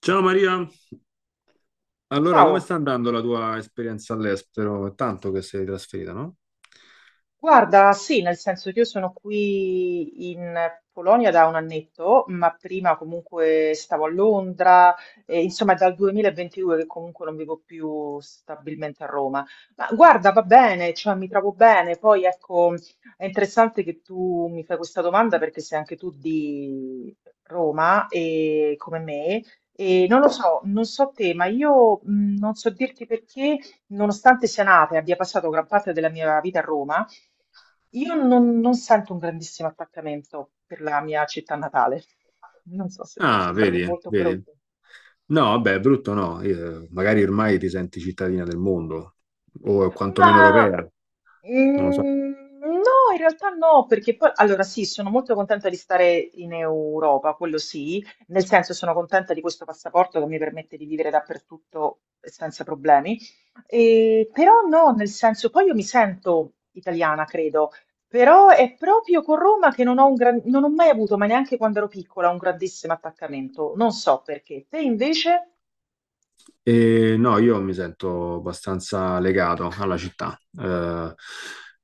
Ciao Maria, allora come Ciao, sta andando la tua esperienza all'estero? È tanto che sei trasferita, no? guarda, sì, nel senso che io sono qui in Polonia da un annetto, ma prima comunque stavo a Londra, e insomma è dal 2022 che comunque non vivo più stabilmente a Roma. Ma guarda, va bene, cioè mi trovo bene, poi ecco, è interessante che tu mi fai questa domanda perché sei anche tu di Roma e come me, e non lo so, non so te, ma io non so dirti perché. Nonostante sia nata e abbia passato gran parte della mia vita a Roma, io non sento un grandissimo attaccamento per la mia città natale. Non so se può Ah, sembrare vedi, molto vedi. brutto. No, vabbè, brutto no. Magari ormai ti senti cittadina del mondo o quantomeno Ma europea, non lo so. mm, no, in realtà no, perché poi allora sì, sono molto contenta di stare in Europa, quello sì, nel senso sono contenta di questo passaporto che mi permette di vivere dappertutto senza problemi, e, però no, nel senso poi io mi sento italiana, credo, però è proprio con Roma che non ho mai avuto, ma neanche quando ero piccola, un grandissimo attaccamento, non so perché. Te invece? E no, io mi sento abbastanza legato alla città,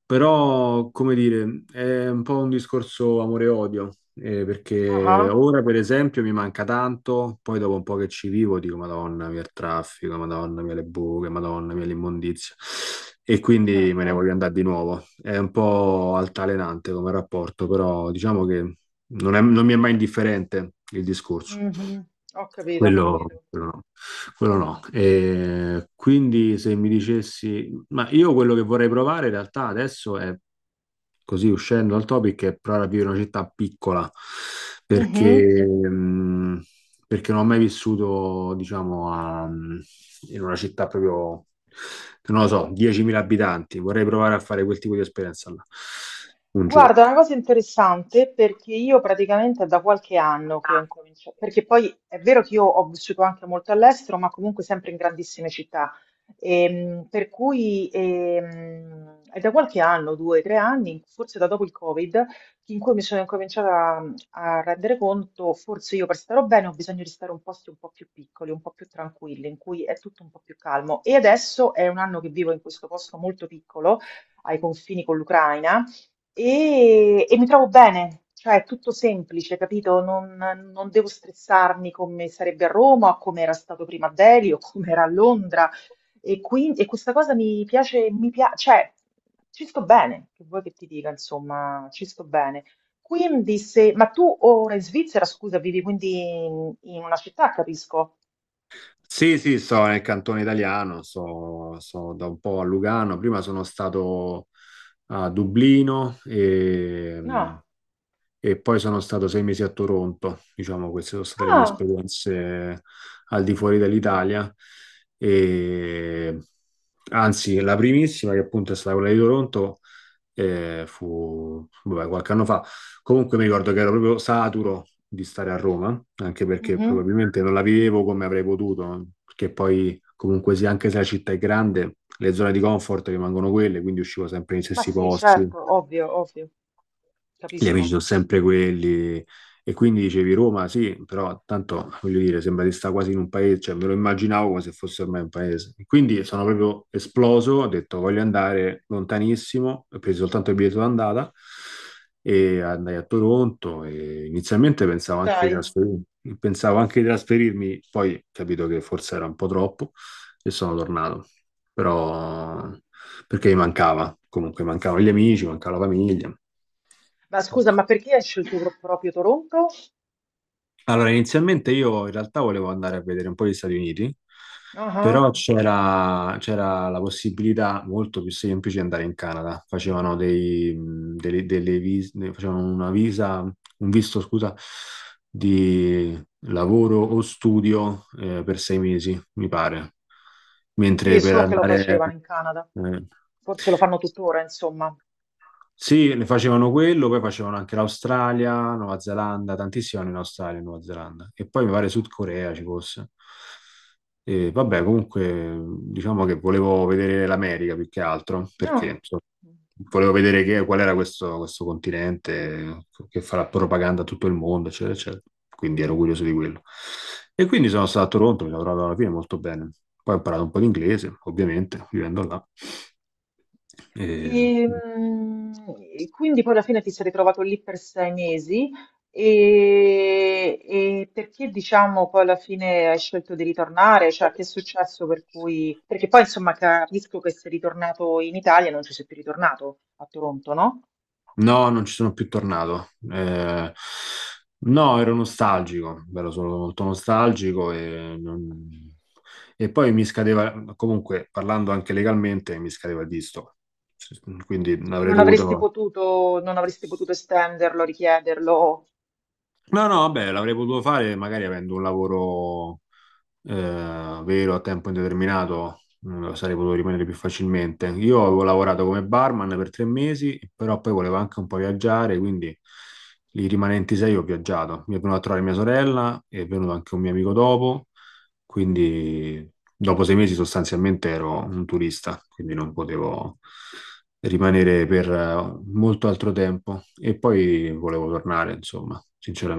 però, come dire, è un po' un discorso amore e odio, perché Ah, ora, per esempio, mi manca tanto, poi dopo un po' che ci vivo dico, Madonna mia il traffico, Madonna mia le buche, Madonna mia l'immondizia, e quindi me certo. ne voglio andare di nuovo. È un po' altalenante come rapporto, però diciamo che non mi è mai indifferente il discorso. Mhm. Ho capito, ho Quello, capito. quello no, quello no. E quindi se mi dicessi, ma io quello che vorrei provare in realtà adesso è, così uscendo dal topic, è provare a vivere in una città piccola, Mh-mh. perché, mh, perché non ho mai vissuto, diciamo, in una città proprio, non lo so, 10.000 abitanti. Vorrei provare a fare quel tipo di esperienza là, un giorno. Guarda, una cosa interessante perché io praticamente è da qualche anno che ho incominciato, perché poi è vero che io ho vissuto anche molto all'estero, ma comunque sempre in grandissime città, per cui è da qualche anno, due, tre anni, forse da dopo il Covid, in cui mi sono incominciata a rendere conto, forse io per stare bene ho bisogno di stare in posti un po' più piccoli, un po' più tranquilli, in cui è tutto un po' più calmo. E adesso è un anno che vivo in questo posto molto piccolo, ai confini con l'Ucraina e mi trovo bene, cioè è tutto semplice, capito? Non devo stressarmi come sarebbe a Roma, come era stato prima a Delhi o come era a Londra. E, quindi, e questa cosa mi piace, cioè ci sto bene, che vuoi che ti dica, insomma, ci sto bene. Quindi se, ma tu ora in Svizzera, scusa, vivi quindi in una città, capisco? Sì, sì, sto nel cantone italiano, sto da un po' a Lugano, prima sono stato a Dublino e, No. e poi sono stato 6 mesi a Toronto, diciamo, queste sono state le mie Ah. esperienze al di fuori dell'Italia. E, anzi, la primissima, che appunto è stata quella di Toronto, fu vabbè, qualche anno fa. Comunque mi ricordo che ero proprio saturo di stare a Roma, anche perché Mhm. probabilmente non la vivevo come avrei potuto, perché poi comunque sì, anche se la città è grande, le zone di comfort rimangono quelle, quindi uscivo sempre nei Ma stessi sì, posti. certo, ovvio, ovvio, Gli amici capisco. sono sempre quelli. E quindi dicevi Roma, sì, però tanto voglio dire, sembra di stare quasi in un paese, cioè me lo immaginavo come se fosse ormai un paese. Quindi sono proprio esploso, ho detto voglio andare lontanissimo, ho preso soltanto il biglietto d'andata e andai a Toronto e inizialmente Ma pensavo anche di dai. trasferirmi, poi ho capito che forse era un po' troppo e sono tornato. Però perché mi mancava, comunque mancavano gli amici, mancava la famiglia. Ma scusa, ma perché hai scelto proprio Toronto? Allora, inizialmente io in realtà volevo andare a vedere un po' gli Stati Uniti, Ah, però c'era la possibilità molto più semplice di andare in Canada. Facevano dei, delle, delle vis- ne- facevano una visa, un visto, scusa, di lavoro o studio per 6 mesi, mi pare. sì, Mentre per so che lo andare... facevano in Canada. eh, Forse lo fanno tuttora, insomma. Sì, ne facevano quello, poi facevano anche l'Australia, Nuova Zelanda, tantissimo in Australia e Nuova Zelanda. E poi mi pare Sud Corea ci fosse. E vabbè, comunque diciamo che volevo vedere l'America più che altro, perché No. insomma, volevo vedere qual era questo continente che farà propaganda a tutto il mondo, eccetera, eccetera. Quindi ero curioso di quello. E quindi sono stato a Toronto, mi sono trovato alla fine molto bene. Poi ho imparato un po' di inglese, ovviamente, vivendo là. E... E, mm, e quindi poi alla fine ti sei ritrovato lì per 6 mesi e perché diciamo poi alla fine hai scelto di ritornare? Cioè, che è successo per cui... Perché poi insomma capisco che sei ritornato in Italia e non ci sei più ritornato a Toronto, no? No, non ci sono più tornato. No, ero nostalgico, ero solo molto nostalgico e, non- e poi mi scadeva, comunque parlando anche legalmente, mi scadeva il visto. Quindi E avrei non avresti dovuto... potuto, non avresti potuto estenderlo, richiederlo. No, no, vabbè, l'avrei potuto fare magari avendo un lavoro vero a tempo indeterminato, sarei potuto rimanere più facilmente. Io avevo lavorato come barman per 3 mesi, però poi volevo anche un po' viaggiare, quindi i rimanenti sei ho viaggiato. Mi è venuta a trovare mia sorella, è venuto anche un mio amico dopo quindi dopo 6 mesi sostanzialmente ero un turista, quindi non potevo rimanere per molto altro tempo e poi volevo tornare, insomma,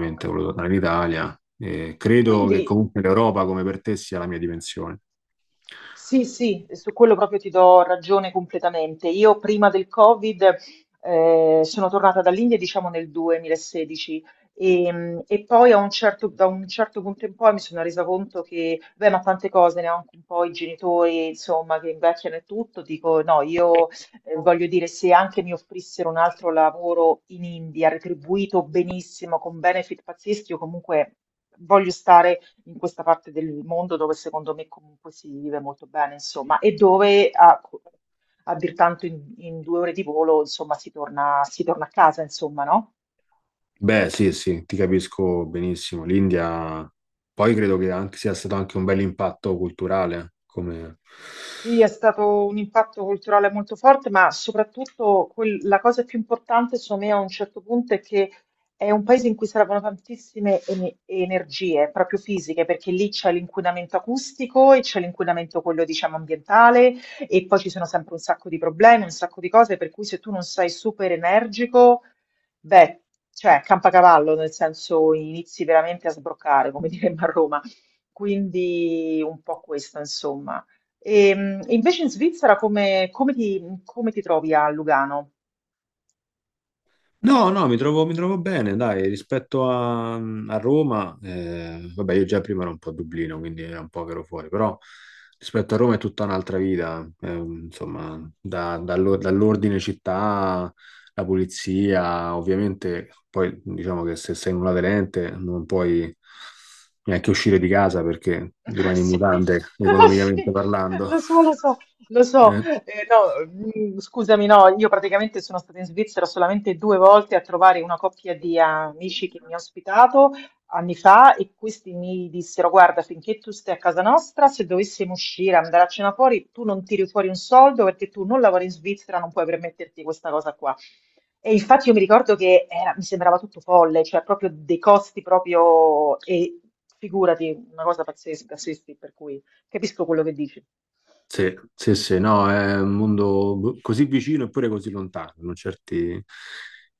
Ho volevo capito. tornare in Italia e credo Quindi, che comunque l'Europa come per te sia la mia dimensione. sì, sì, su quello proprio ti do ragione completamente. Io prima del Covid sono tornata dall'India, diciamo nel 2016 e poi da un certo punto in poi mi sono resa conto che, beh, ma tante cose, ne ho anche un po' i genitori, insomma, che invecchiano e tutto, dico no, io voglio dire, se anche mi offrissero un altro lavoro in India, retribuito benissimo, con benefit pazzeschi, io comunque voglio stare in questa parte del mondo dove secondo me comunque si vive molto bene, insomma, e dove a dir tanto in, 2 ore di volo, insomma, si torna a casa, insomma, no? Beh, sì, sì, ti capisco benissimo. L'India, poi credo che sia stato anche un bel impatto culturale, come. Sì, è stato un impatto culturale molto forte, ma soprattutto la cosa più importante, secondo me, a un certo punto è che è un paese in cui servono tantissime energie, proprio fisiche, perché lì c'è l'inquinamento acustico e c'è l'inquinamento quello, diciamo, ambientale e poi ci sono sempre un sacco di problemi, un sacco di cose, per cui se tu non sei super energico, beh, cioè, campacavallo, nel senso inizi veramente a sbroccare, come diremmo a Roma. Quindi un po' questo, insomma. E, invece in Svizzera come ti trovi a Lugano? No, no, mi trovo bene, dai, rispetto a Roma, vabbè, io già prima ero un po' a Dublino, quindi era un po' che ero fuori, però rispetto a Roma è tutta un'altra vita, insomma, dall'ordine città, la pulizia, ovviamente, poi diciamo che se sei un aderente non puoi neanche uscire di casa perché rimani in Sì, mutande, economicamente sì, parlando. lo so, lo so, lo so. Eh. No, scusami, no, io praticamente sono stata in Svizzera solamente 2 volte a trovare una coppia di amici che mi ha ospitato anni fa e questi mi dissero: Guarda, finché tu stai a casa nostra, se dovessimo uscire, andare a cena fuori, tu non tiri fuori un soldo perché tu non lavori in Svizzera, non puoi permetterti questa cosa qua. E infatti io mi ricordo che mi sembrava tutto folle, cioè proprio dei costi proprio, e figurati, una cosa pazzesca, sì, sì, per cui capisco quello che dici. Sì, sì, sì, no, è un mondo boh, così vicino eppure così lontano,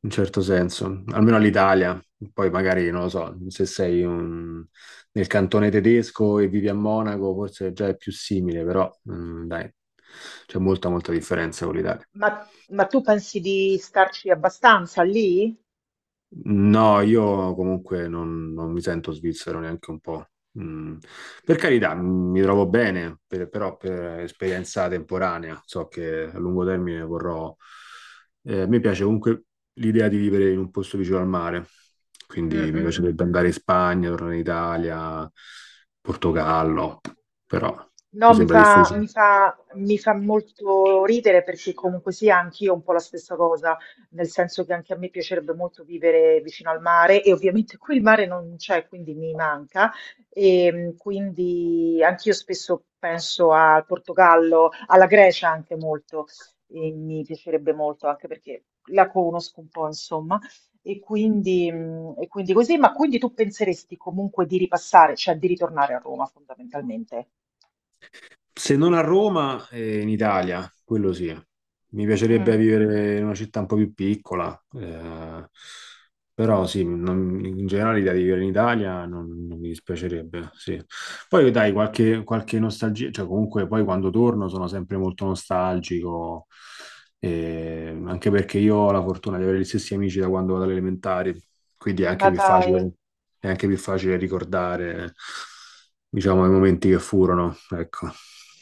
in certo senso, almeno all'Italia. Poi magari, non lo so, se sei nel cantone tedesco e vivi a Monaco, forse già è più simile, però dai, c'è molta, molta differenza con l'Italia. Ma, ma tu pensi di starci abbastanza lì? No, io comunque non mi sento svizzero neanche un po'. Mm. Per carità, mi trovo bene, però per esperienza temporanea, so che a lungo termine vorrò... mi piace comunque l'idea di vivere in un posto vicino al mare, Mm, quindi mm, mi mm, mm. piacerebbe andare in Mm. Spagna, tornare in Italia, Portogallo, però No, mi mi sembra fa, difficile. mi fa, mi fa molto ridere perché comunque sia anch'io un po' la stessa cosa, nel senso che anche a me piacerebbe molto vivere vicino al mare e ovviamente qui il mare non c'è, quindi mi manca e quindi anch'io spesso penso al Portogallo, alla Grecia anche molto e mi piacerebbe molto anche perché la conosco un po', insomma, e quindi così, ma quindi tu penseresti comunque di ripassare, cioè di ritornare a Roma fondamentalmente? Se non a Roma, in Italia, quello sì. Mi piacerebbe Mm, vivere in una città un po' più piccola, però sì, non- in generale l'idea di vivere in Italia non mi dispiacerebbe, sì. Poi dai, qualche, qualche nostalgia, cioè comunque poi quando torno sono sempre molto nostalgico, anche perché io ho la fortuna di avere gli stessi amici da quando vado alle elementari, quindi è ma anche più dai, facile, è anche più facile ricordare, diciamo, i momenti che furono, ecco.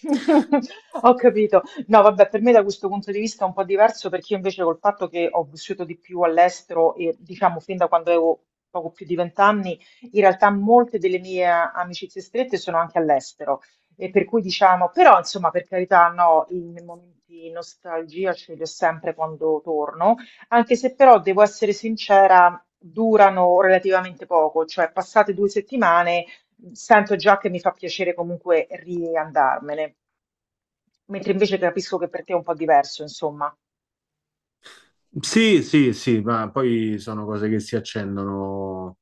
ho capito. No, vabbè, per me da questo punto di vista è un po' diverso perché io invece col fatto che ho vissuto di più all'estero e diciamo fin da quando avevo poco più di vent'anni, in realtà molte delle mie amicizie strette sono anche all'estero. E per cui diciamo, però insomma, per carità, no, i miei momenti di nostalgia ce li ho sempre quando torno, anche se però devo essere sincera, durano relativamente poco, cioè passate 2 settimane. Sento già che mi fa piacere comunque riandarmene, mentre invece capisco che per te è un po' diverso, insomma. Sì, sì, sì, ma poi sono cose che si accendono.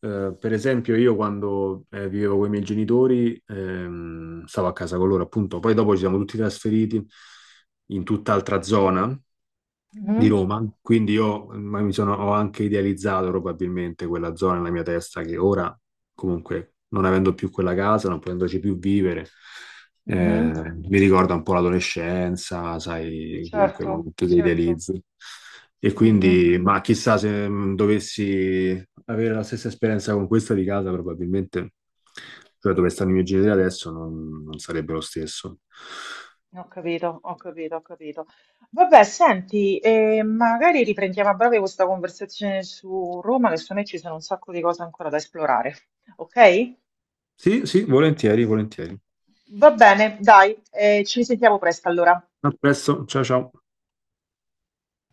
Per esempio, io quando vivevo con i miei genitori, stavo a casa con loro, appunto, poi dopo ci siamo tutti trasferiti in tutt'altra zona di Mhm, Roma, quindi io ma mi sono, ho anche idealizzato probabilmente quella zona nella mia testa che ora, comunque, non avendo più quella casa, non potendoci più vivere, mhm, mi ricorda un po' l'adolescenza, sai, comunque i certo, momenti che certo. idealizzi. E Mhm. quindi, ma chissà se dovessi avere la stessa esperienza con questa di casa, probabilmente, cioè dove stanno i miei genitori adesso, non sarebbe lo stesso. Ho capito, ho capito, ho capito. Vabbè, senti, magari riprendiamo a breve questa conversazione su Roma, che secondo me ci sono un sacco di cose ancora da esplorare. Ok? Sì, sì, volentieri, volentieri. Va bene, dai, ci risentiamo presto allora. A presto, ciao ciao.